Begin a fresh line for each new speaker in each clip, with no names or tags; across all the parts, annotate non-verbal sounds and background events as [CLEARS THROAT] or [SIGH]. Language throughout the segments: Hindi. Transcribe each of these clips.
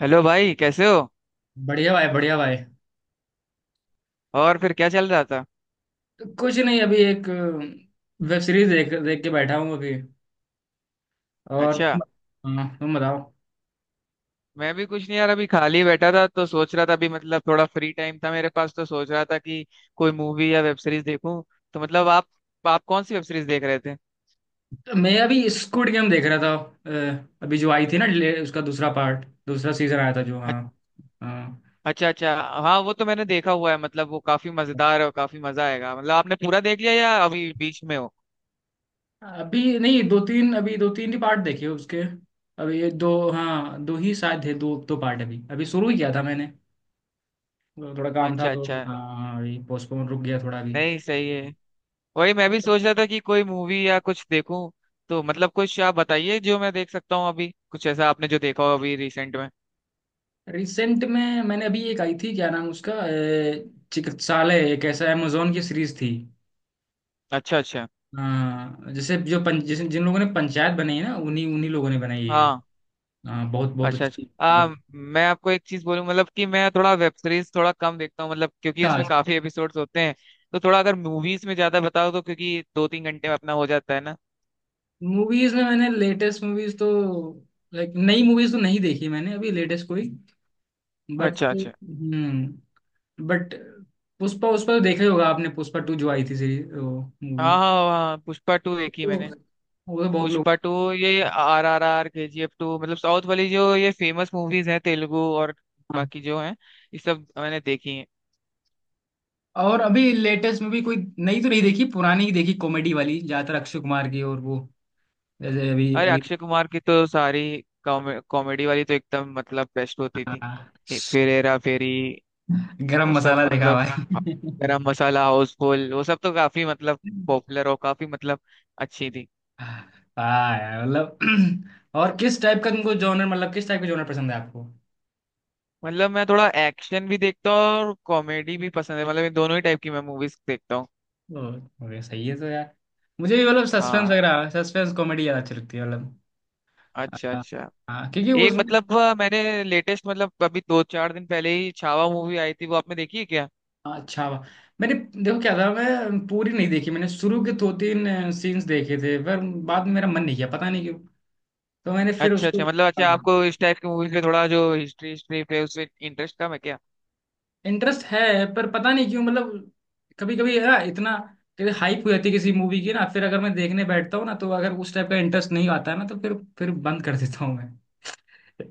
हेलो भाई, कैसे हो।
बढ़िया भाई, बढ़िया भाई।
और फिर क्या चल रहा था।
कुछ नहीं, अभी एक वेब सीरीज देख देख के बैठा हूँ अभी। और
अच्छा।
तुम? हाँ, तुम बताओ।
मैं भी कुछ नहीं यार, अभी खाली बैठा था तो सोच रहा था, अभी मतलब थोड़ा फ्री टाइम था मेरे पास तो सोच रहा था कि कोई मूवी या वेब सीरीज देखूं। तो मतलब आप कौन सी वेब सीरीज देख रहे थे।
तो मैं अभी स्क्विड गेम देख रहा था। अभी जो आई थी ना उसका दूसरा पार्ट, दूसरा सीजन आया था जो। हाँ।
अच-
हाँ।
अच्छा अच्छा। हाँ वो तो मैंने देखा हुआ है, मतलब वो काफी मजेदार है और काफी मजा आएगा। मतलब आपने पूरा देख लिया या अभी बीच में हो।
अभी नहीं, दो तीन, अभी दो तीन ही पार्ट देखे उसके। अभी ये दो, हाँ, दो ही शायद थे, दो दो पार्ट, अभी अभी शुरू ही किया था मैंने। थोड़ा काम था
अच्छा
तो
अच्छा।
हाँ, अभी पोस्टपोन रुक गया थोड़ा अभी।
नहीं, सही है। वही मैं भी सोच रहा था कि कोई मूवी या कुछ देखूं। तो मतलब कुछ आप बताइए जो मैं देख सकता हूँ अभी, कुछ ऐसा आपने जो देखा हो अभी रिसेंट में।
रिसेंट में मैंने अभी एक आई थी, क्या नाम उसका, चिकित्सालय, एक ऐसा amazon की सीरीज थी।
अच्छा अच्छा।
हाँ, जैसे जो जैसे जिन लोगों ने पंचायत बनाई है ना, उन्हीं उन्हीं लोगों ने बनाई है ये।
हाँ।
हाँ, बहुत बहुत
अच्छा
अच्छी
अच्छा।
एकदम।
मैं आपको एक चीज बोलूँ, मतलब कि मैं थोड़ा वेब सीरीज थोड़ा कम देखता हूँ, मतलब क्योंकि उसमें
अच्छा।
काफी एपिसोड्स होते हैं। तो थोड़ा अगर मूवीज में ज्यादा बताओ, तो क्योंकि 2-3 घंटे में अपना हो जाता है ना।
मूवीज में मैंने लेटेस्ट मूवीज तो, लाइक नई मूवीज तो नहीं देखी मैंने अभी, लेटेस्ट कोई। बट
अच्छा अच्छा।
हम्म बट पुष्पा, उस पर देखा ही होगा आपने, पुष्पा टू जो आई थी सीरीज वो,
हाँ
मूवी।
हाँ हाँ, पुष्पा 2 देखी
वो
मैंने।
movie। वो तो बहुत लोग।
पुष्पा 2, ये RRR, KGF 2, मतलब साउथ वाली जो ये फेमस मूवीज हैं, तेलुगु और
हाँ।
बाकी जो हैं, ये सब मैंने देखी हैं।
और अभी लेटेस्ट मूवी कोई नई तो नहीं देखी, पुरानी ही देखी कॉमेडी वाली, ज्यादातर अक्षय कुमार की, और वो। जैसे अभी
अरे
अभी।
अक्षय कुमार की तो सारी कॉमेडी वाली तो एकदम मतलब बेस्ट होती थी।
हाँ,
फिर हेरा फेरी,
गरम
वो सब
मसाला देखा
मतलब
भाई।
गरम मसाला, हाउसफुल, वो सब तो काफी मतलब पॉपुलर और काफी मतलब अच्छी थी।
हाँ यार, मतलब। [CLEARS THROAT] और किस टाइप का तुमको जॉनर, मतलब किस टाइप का जॉनर पसंद है आपको?
मतलब मैं थोड़ा एक्शन भी देखता हूँ और कॉमेडी भी पसंद है, मतलब ये दोनों ही टाइप की मैं मूवीज देखता हूँ।
ओ, ओके, सही है तो यार। मुझे भी मतलब सस्पेंस
हाँ।
वगैरह, सस्पेंस कॉमेडी ज्यादा अच्छी लगती है मतलब।
अच्छा
हाँ।
अच्छा।
हाँ, क्योंकि
एक
उसमें।
मतलब मैंने लेटेस्ट, मतलब अभी 2-4 दिन पहले ही छावा मूवी आई थी, वो आपने देखी है क्या।
अच्छा, वाह। मैंने, देखो क्या था, मैं पूरी नहीं देखी, मैंने शुरू के दो तीन सीन्स देखे थे पर। बाद में मेरा मन नहीं किया, पता नहीं क्यों। तो मैंने फिर
अच्छा अच्छा,
उसको।
मतलब अच्छा, आपको इस टाइप की मूवीज पे थोड़ा जो हिस्ट्री, हिस्ट्री पे उसमें इंटरेस्ट कम है क्या।
इंटरेस्ट है, पर पता नहीं क्यों मतलब, कभी कभी ना इतना, कभी हाइप हो जाती है किसी मूवी की ना, फिर अगर मैं देखने बैठता हूँ ना तो अगर उस टाइप का इंटरेस्ट नहीं आता है ना तो फिर बंद कर देता हूँ मैं।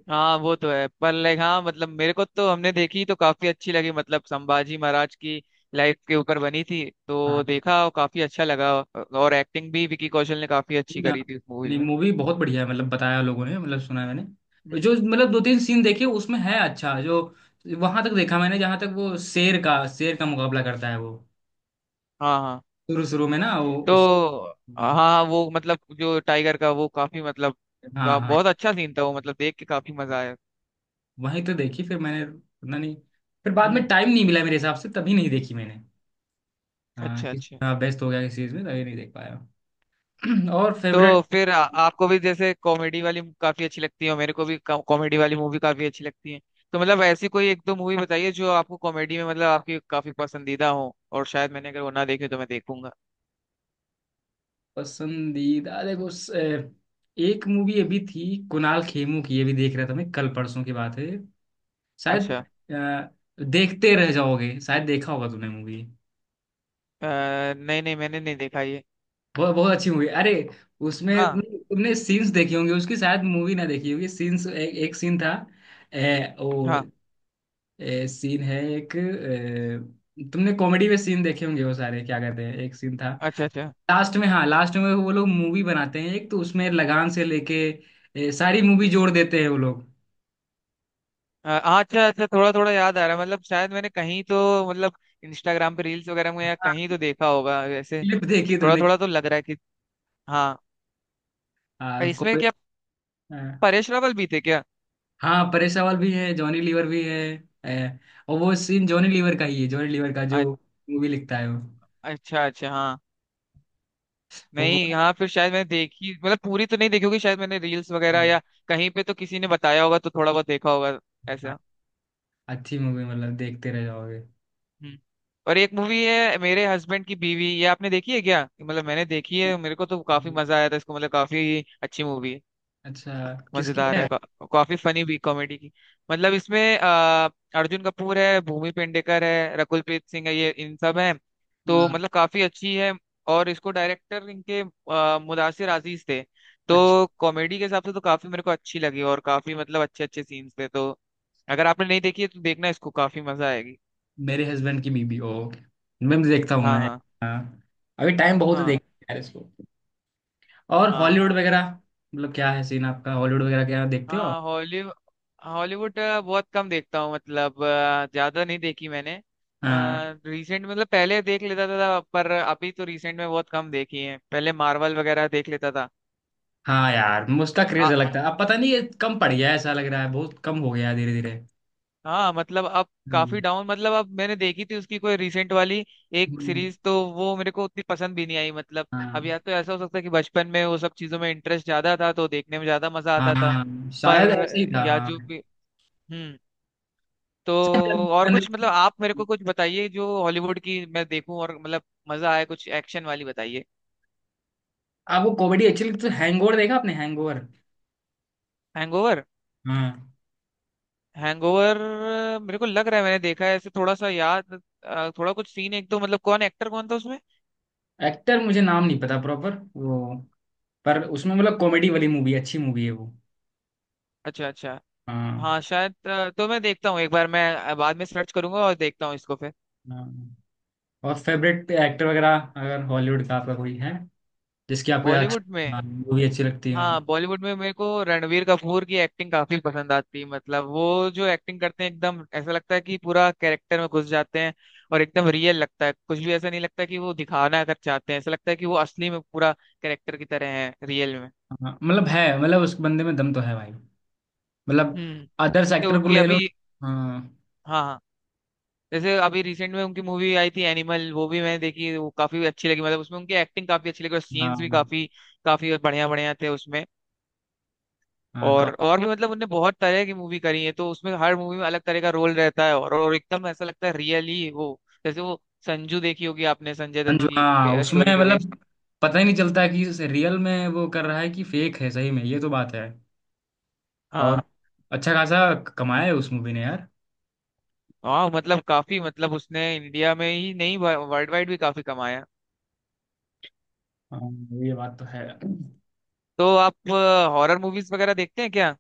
हाँ वो तो है, पर लाइक हाँ मतलब मेरे को तो हमने देखी तो काफी अच्छी लगी, मतलब संभाजी महाराज की लाइफ के ऊपर बनी थी तो
हाँ
देखा और काफी अच्छा लगा, और एक्टिंग भी विकी कौशल ने काफी अच्छी
ना,
करी थी उस मूवी
नहीं,
में।
मूवी बहुत बढ़िया है मतलब, बताया लोगों ने, मतलब सुना है मैंने
हम्म।
जो, मतलब दो तीन सीन देखे उसमें है अच्छा जो। वहां तक देखा मैंने जहां तक वो शेर का मुकाबला करता है वो।
हाँ हाँ।
शुरू शुरू में ना वो उस।
तो हाँ हाँ, वो मतलब जो टाइगर का, वो काफी मतलब का
हाँ हाँ।
बहुत अच्छा सीन था वो, मतलब देख के काफी मजा आया।
वहीं तो देखी फिर मैंने, पता नहीं। फिर बाद में
हम्म।
टाइम नहीं मिला मेरे हिसाब से, तभी नहीं देखी मैंने। हाँ,
अच्छा
किस,
अच्छा।
हाँ, व्यस्त हो गया किस चीज में, तभी नहीं देख पाया। [CLEARS THROAT] और फेवरेट,
तो फिर आपको भी जैसे कॉमेडी वाली काफी अच्छी लगती है और मेरे को भी कॉमेडी वाली मूवी काफी अच्छी लगती है। तो मतलब ऐसी कोई एक दो मूवी बताइए जो आपको कॉमेडी में मतलब आपकी काफी पसंदीदा हो, और शायद मैंने अगर वो ना देखी हो तो मैं देखूंगा।
पसंदीदा, देखो एक मूवी अभी थी, कुणाल खेमू की, ये भी देख रहा था मैं, कल परसों की बात है, शायद।
अच्छा।
देखते रह जाओगे, शायद देखा होगा तुमने मूवी।
अ, नहीं नहीं, मैंने नहीं देखा ये।
बहुत बहुत अच्छी मूवी, अरे। उसमें
हाँ।
तुमने सीन्स देखी होंगी उसकी, शायद मूवी ना देखी होगी, सीन्स, एक सीन था। वो,
हाँ।
सीन है एक, तुमने कॉमेडी में सीन देखे होंगे वो सारे, क्या कहते हैं, एक सीन था।
अच्छा अच्छा।
लास्ट में, हाँ लास्ट में, वो लोग मूवी बनाते हैं एक, तो उसमें लगान से लेके, सारी मूवी जोड़ देते हैं वो लोग।
हाँ अच्छा अच्छा, थोड़ा थोड़ा याद आ रहा है, मतलब शायद मैंने कहीं तो मतलब इंस्टाग्राम पे रील्स वगैरह में या कहीं
हाँ,
तो देखा होगा वैसे।
क्लिप देखी
थोड़ा
तुमने।
थोड़ा तो लग रहा है कि हाँ।
हाँ
इसमें क्या
हाँ।
परेश रावल भी थे क्या।
हाँ, परेश रावल भी है, जॉनी लीवर भी है। है। और वो सीन जॉनी लीवर का ही है, जॉनी लीवर का जो
अ-
मूवी लिखता है वो।
अच्छा अच्छा हाँ।
वो
नहीं हाँ, फिर शायद मैंने देखी, मतलब पूरी तो नहीं देखी होगी, शायद मैंने रील्स वगैरह या
वो-
कहीं पे तो किसी ने बताया होगा तो थोड़ा बहुत देखा होगा ऐसा।
अच्छी मूवी, मतलब देखते रह जाओगे।
हम्म। और एक मूवी है मेरे हस्बैंड की बीवी, ये आपने देखी है क्या। मतलब मैंने देखी है, मेरे को तो काफी मजा आया था इसको, मतलब काफी अच्छी मूवी है,
अच्छा, किसकी
मजेदार है।
है?
काफी फनी भी, कॉमेडी की मतलब। इसमें अर्जुन कपूर है, भूमि पेंडेकर है, रकुलप्रीत सिंह है, ये इन सब हैं। तो
हाँ,
मतलब काफी अच्छी है। और इसको डायरेक्टर इनके मुदासिर अजीज थे।
अच्छा,
तो कॉमेडी के हिसाब से तो काफी मेरे को अच्छी लगी, और काफी मतलब अच्छे अच्छे सीन्स थे। तो अगर आपने नहीं देखी है तो देखना इसको, काफी मजा आएगी।
मेरे हस्बैंड की बीबी, ओ okay। मैं भी देखता हूँ
हाँ
मैं।
हाँ।
हाँ। अभी टाइम बहुत है,
हाँ
देखते यार इसको। और
हाँ।
हॉलीवुड वगैरह, मतलब क्या है सीन आपका, हॉलीवुड वगैरह क्या देखते हो आप?
हाँ हॉलीवुड। हॉलीवुड बहुत कम देखता हूँ, मतलब ज्यादा नहीं देखी मैंने
हाँ।
रिसेंट। मतलब पहले देख लेता था, पर अभी तो रिसेंट में बहुत कम देखी है, पहले मार्वल वगैरह देख लेता था।
हाँ यार, मुझका क्रेज
आ,
अलग था, अब पता नहीं ये कम पड़ गया है, ऐसा लग रहा है, बहुत कम हो गया है धीरे
हाँ मतलब अब काफी
धीरे।
डाउन, मतलब अब मैंने देखी थी उसकी कोई रिसेंट वाली एक
हम्म,
सीरीज तो वो मेरे को उतनी पसंद भी नहीं आई मतलब। अब या
हाँ।
तो ऐसा हो सकता है कि बचपन में वो सब चीजों में इंटरेस्ट ज्यादा था तो देखने में ज्यादा मजा आता था।
हाँ,
पर
शायद ऐसे ही था,
या जो
हाँ।
भी। हम्म। तो
शायद
और कुछ मतलब
जनरेशन।
आप मेरे को कुछ बताइए जो हॉलीवुड की मैं देखूं और मतलब मजा आए, कुछ एक्शन वाली बताइए।
आपको कॉमेडी अच्छी लगती तो, हैंगओवर देखा आपने? हैंगओवर।
हैंगओवर।
हाँ।
हैंगओवर, मेरे को लग रहा है मैंने देखा है ऐसे, थोड़ा सा याद। थोड़ा कुछ सीन एक, तो मतलब कौन एक्टर, कौन था उसमें।
एक्टर मुझे नाम नहीं पता प्रॉपर वो, पर उसमें मतलब कॉमेडी वाली मूवी, अच्छी मूवी है वो।
अच्छा अच्छा।
हाँ।
हाँ शायद तो मैं देखता हूँ एक बार, मैं बाद में सर्च करूंगा और देखता हूँ इसको फिर।
हाँ। और फेवरेट एक्टर वगैरह अगर हॉलीवुड का आपका कोई है, जिसकी आपको
बॉलीवुड में।
अच्छी मूवी अच्छी लगती हो।
हाँ बॉलीवुड में मेरे को रणवीर कपूर की एक्टिंग काफी पसंद आती है, मतलब वो जो एक्टिंग करते हैं एकदम ऐसा लगता है कि पूरा कैरेक्टर में घुस जाते हैं। और एकदम रियल लगता है, कुछ भी ऐसा नहीं लगता कि वो दिखाना कर चाहते हैं, ऐसा लगता है कि वो असली में पूरा कैरेक्टर की तरह है रियल में।
हाँ, मतलब है, मतलब उस बंदे में दम तो है भाई, मतलब।
हम्म।
अदर्स
जैसे
एक्टर को
उनकी
ले लो।
अभी
हाँ,
हाँ हाँ, जैसे अभी रिसेंट में उनकी मूवी आई थी एनिमल, वो भी मैंने देखी, वो काफी अच्छी लगी, मतलब उसमें उनकी एक्टिंग काफी अच्छी लगी और सीन्स भी
हाँ,
काफी काफी बढ़िया बढ़िया थे उसमें।
हाँ।
और भी मतलब उनने बहुत तरह की मूवी करी है तो उसमें हर मूवी में अलग तरह का रोल रहता है, और एकदम ऐसा लगता है रियली वो। जैसे वो संजू देखी होगी आपने, संजय दत्त
संजू,
की
हाँ, उसमें
स्टोरी पे बेस्ड।
मतलब, पता ही नहीं चलता है कि रियल में वो कर रहा है कि फेक है, सही में, ये तो बात है। और,
हाँ
अच्छा खासा कमाया है उस मूवी ने यार।
हाँ, मतलब काफी मतलब उसने इंडिया में ही नहीं, वर्ल्ड वाइड भी काफी कमाया।
हाँ, ये बात तो है।
तो आप हॉरर मूवीज वगैरह देखते हैं क्या।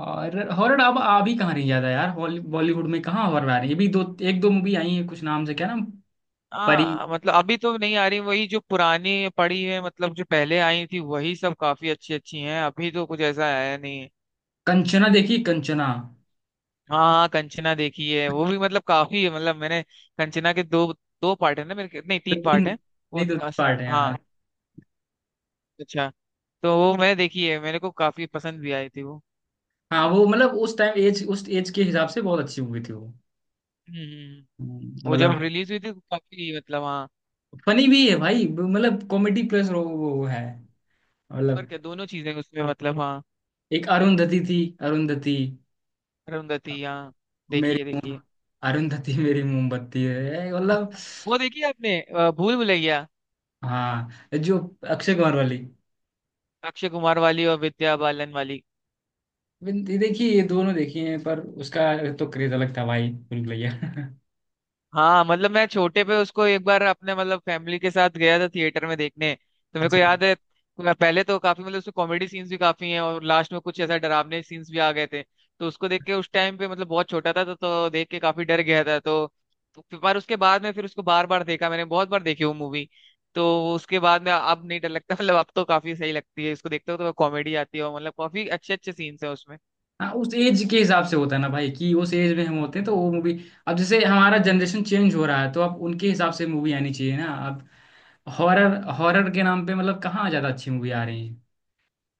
और हॉरर अब आ भी कहाँ रही ज्यादा यार, बॉलीवुड में कहाँ हॉरर आ रही है अभी? दो, एक दो मूवी आई है कुछ नाम से, क्या नाम? परी,
हाँ मतलब अभी तो नहीं आ रही, वही जो पुरानी पड़ी है, मतलब जो पहले आई थी वही सब काफी अच्छी अच्छी हैं, अभी तो कुछ ऐसा आया नहीं है।
कंचना देखी, कंचना?
हाँ कंचना देखी है, वो भी मतलब काफी है मतलब मैंने। कंचना के दो दो पार्ट है ना नहीं
दो
तीन
तीन,
पार्ट है वो।
नहीं दो तीन पार्ट है
हाँ।
यार।
अच्छा। तो वो मैंने देखी है, मेरे को काफी पसंद भी आई थी वो।
हाँ, वो मतलब उस टाइम एज, उस एज के हिसाब से बहुत अच्छी मूवी थी वो।
हम्म। वो जब
मतलब,
रिलीज हुई थी तो काफी मतलब हाँ।
फनी भी है भाई मतलब, कॉमेडी प्लस वो, है।
पर
मतलब,
क्या दोनों चीजें उसमें, मतलब हाँ।
एक अरुंधति थी, अरुंधति,
अरुंधति हाँ, देखिए
मेरी,
देखिए।
अरुंधति मेरी मोमबत्ती है मतलब।
वो देखी है आपने भूल भुलैया,
हाँ जो, अक्षय कुमार वाली,
अक्षय कुमार वाली और विद्या बालन वाली।
ये देखिए, ये दोनों देखी हैं पर, उसका तो क्रेज अलग था भाई, भूल भैया।
हाँ मतलब मैं छोटे पे उसको एक बार अपने मतलब फैमिली के साथ गया था थिएटर में देखने, तो मेरे को
अच्छा।
याद है। पहले तो काफी मतलब उसमें कॉमेडी सीन्स भी काफी हैं और लास्ट में कुछ ऐसा डरावने सीन्स भी आ गए थे। तो उसको देख के उस टाइम पे, मतलब बहुत छोटा था तो देख के काफी डर गया था तो, पर उसके बाद में फिर उसको बार बार देखा मैंने, बहुत बार देखी वो मूवी। तो उसके बाद में अब नहीं डर लगता [LAUGHS] मतलब अब तो काफी सही लगती है, इसको देखते हो तो कॉमेडी आती है और मतलब काफी अच्छे अच्छे सीन्स हैं उसमें।
हाँ, उस एज के हिसाब से होता है ना भाई कि उस एज में हम होते हैं तो वो मूवी, अब जैसे हमारा जनरेशन चेंज हो रहा है तो अब उनके हिसाब से मूवी आनी चाहिए ना अब। हॉरर, हॉरर के नाम पे मतलब कहाँ ज्यादा अच्छी मूवी आ रही है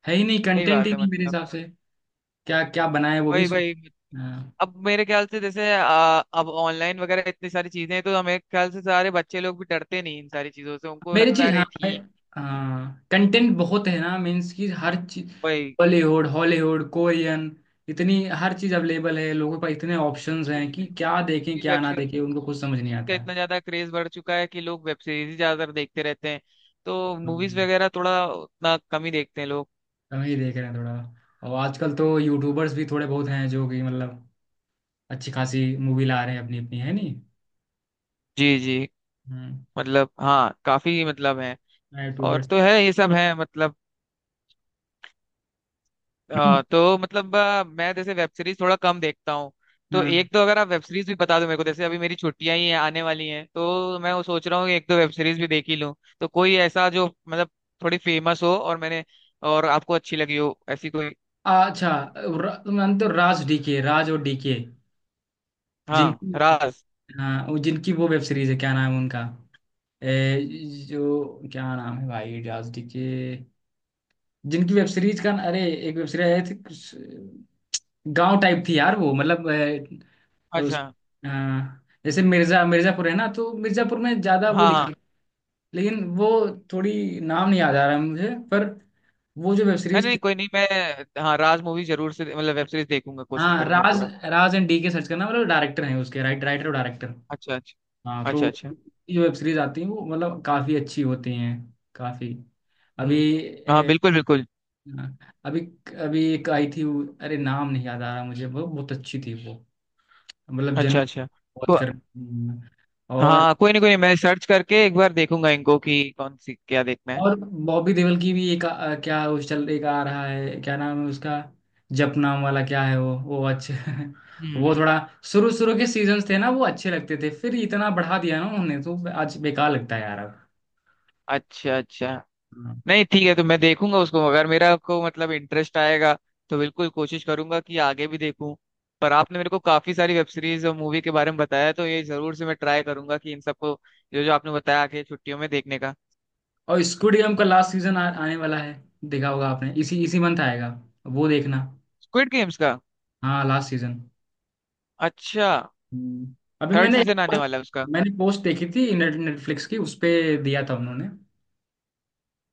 है ही नहीं,
सही
कंटेंट
बात
ही
है,
नहीं मेरे
मतलब
हिसाब से। क्या क्या बनाया है वो भी
वही
सोच।
वही।
हाँ,
अब मेरे ख्याल से जैसे अब ऑनलाइन वगैरह इतनी सारी चीजें हैं तो हमें ख्याल से सारे बच्चे लोग भी डरते नहीं इन सारी चीजों से, उनको
मेरी
लगता है
चीज,
अरे
हाँ।
ठीक
कंटेंट बहुत है ना, मीन्स कि हर चीज,
भाई।
बॉलीवुड, हॉलीवुड, कोरियन, इतनी हर चीज अवेलेबल है लोगों पास, इतने
वेब
ऑप्शंस हैं
सीरीज
कि क्या देखें
भी,
क्या
वेब
ना देखें,
सीरीज
उनको खुद समझ नहीं
का
आता है।
इतना ज्यादा क्रेज बढ़ चुका है कि लोग वेब सीरीज ही ज्यादातर देखते रहते हैं। तो मूवीज
हम्म।
वगैरह थोड़ा उतना कम ही देखते हैं लोग।
तो हम ही देख रहे हैं थोड़ा। और आजकल तो यूट्यूबर्स भी थोड़े बहुत हैं जो कि मतलब अच्छी खासी मूवी ला रहे हैं अपनी अपनी, है नहीं।
जी जी।
हम्म।
मतलब हाँ काफी मतलब है और
यूट्यूबर्स।
तो है, ये सब है मतलब। तो मतलब मैं जैसे वेब सीरीज थोड़ा कम देखता हूँ, तो
हाँ।
एक तो अगर आप वेब सीरीज भी बता दो मेरे को, जैसे अभी मेरी छुट्टियां ही हैं, आने वाली हैं, तो मैं वो सोच रहा हूँ कि एक दो वेब सीरीज भी देख ही लूँ। तो कोई ऐसा जो मतलब थोड़ी फेमस हो और मैंने और आपको अच्छी लगी हो, ऐसी कोई।
अच्छा, मानते हो राज डीके, राज और डीके
हाँ
जिनकी,
राज।
हाँ वो जिनकी वो वेब सीरीज है, क्या नाम है उनका? जो क्या नाम है भाई, राजडी के, जिनकी वेब सीरीज का, अरे, एक वेब सीरीज आई थी कुछ गांव टाइप थी यार वो मतलब उस,
अच्छा
अ, जैसे मिर्जापुर है ना, तो मिर्जापुर में ज्यादा वो
हाँ
दिखा,
हाँ।
लेकिन वो थोड़ी, नाम नहीं याद आ रहा है मुझे पर, वो जो वेब
नहीं
सीरीज थी।
नहीं कोई नहीं, मैं हाँ राज मूवी जरूर से, मतलब वेब सीरीज देखूंगा, कोशिश
हाँ,
करूंगा
राज,
पूरा।
Raj and D K search करना, मतलब डायरेक्टर हैं उसके, राइटर और डायरेक्टर।
अच्छा अच्छा।
हाँ तो,
अच्छा अच्छा।
ये वेब सीरीज आती हैं वो, मतलब काफी अच्छी होती हैं, काफी। अभी,
हम्म। हाँ बिल्कुल बिल्कुल।
हाँ, अभी, अभी एक आई थी अरे नाम नहीं याद आ रहा मुझे, वो बहुत अच्छी थी वो, मतलब जनरल
अच्छा अच्छा।
वॉच
तो
कर। और
हाँ कोई नहीं कोई नहीं, मैं सर्च करके एक बार देखूंगा इनको कि कौन सी क्या देखना है।
और बॉबी देओल की भी एक क्या उस चल एक आ रहा है, क्या नाम है उसका? जप नाम वाला क्या है वो, अच्छे [LAUGHS]
हम्म।
वो थोड़ा, शुरू शुरू के सीजन्स थे ना वो अच्छे लगते थे, फिर इतना बढ़ा दिया ना उन्होंने तो आज बेकार लगता है यार अब।
अच्छा अच्छा।
हाँ।
नहीं ठीक है, तो मैं देखूंगा उसको, अगर मेरा को मतलब इंटरेस्ट आएगा तो बिल्कुल कोशिश करूंगा कि आगे भी देखूं। पर आपने मेरे को काफी सारी वेब सीरीज और मूवी के बारे में बताया, तो ये जरूर से मैं ट्राई करूंगा कि इन सबको, जो जो आपने बताया, आके छुट्टियों में देखने का।
और स्quid गेम का लास्ट सीजन आने वाला है, देखा होगा आपने, इसी इसी मंथ आएगा, वो देखना।
स्क्विड गेम्स का।
हाँ, लास्ट सीजन।
अच्छा।
हम्म। अभी
थर्ड
मैंने,
सीजन आने वाला है उसका।
मैंने पोस्ट देखी थी नेटफ्लिक्स की उस पे, दिया था उन्होंने,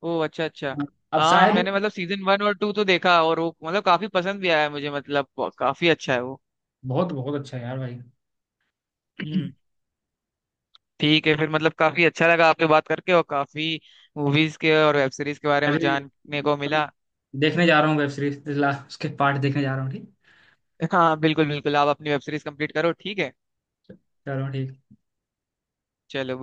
ओ अच्छा अच्छा।
अब
हाँ
शायद।
मैंने मतलब सीजन 1 और 2 तो देखा, और वो मतलब काफी पसंद भी आया मुझे, मतलब काफी अच्छा है वो।
बहुत बहुत अच्छा है यार भाई।
हम्म। ठीक है फिर, मतलब काफी अच्छा लगा आपसे बात करके और काफी मूवीज के और वेब सीरीज के बारे में
अभी
जानने को
अभी
मिला।
देखने जा रहा हूँ वेब सीरीज, उसके पार्ट देखने जा रहा हूँ, ठीक।
हाँ बिल्कुल बिल्कुल, आप अपनी वेब सीरीज कंप्लीट करो, ठीक है।
चलो, ठीक।
चलो।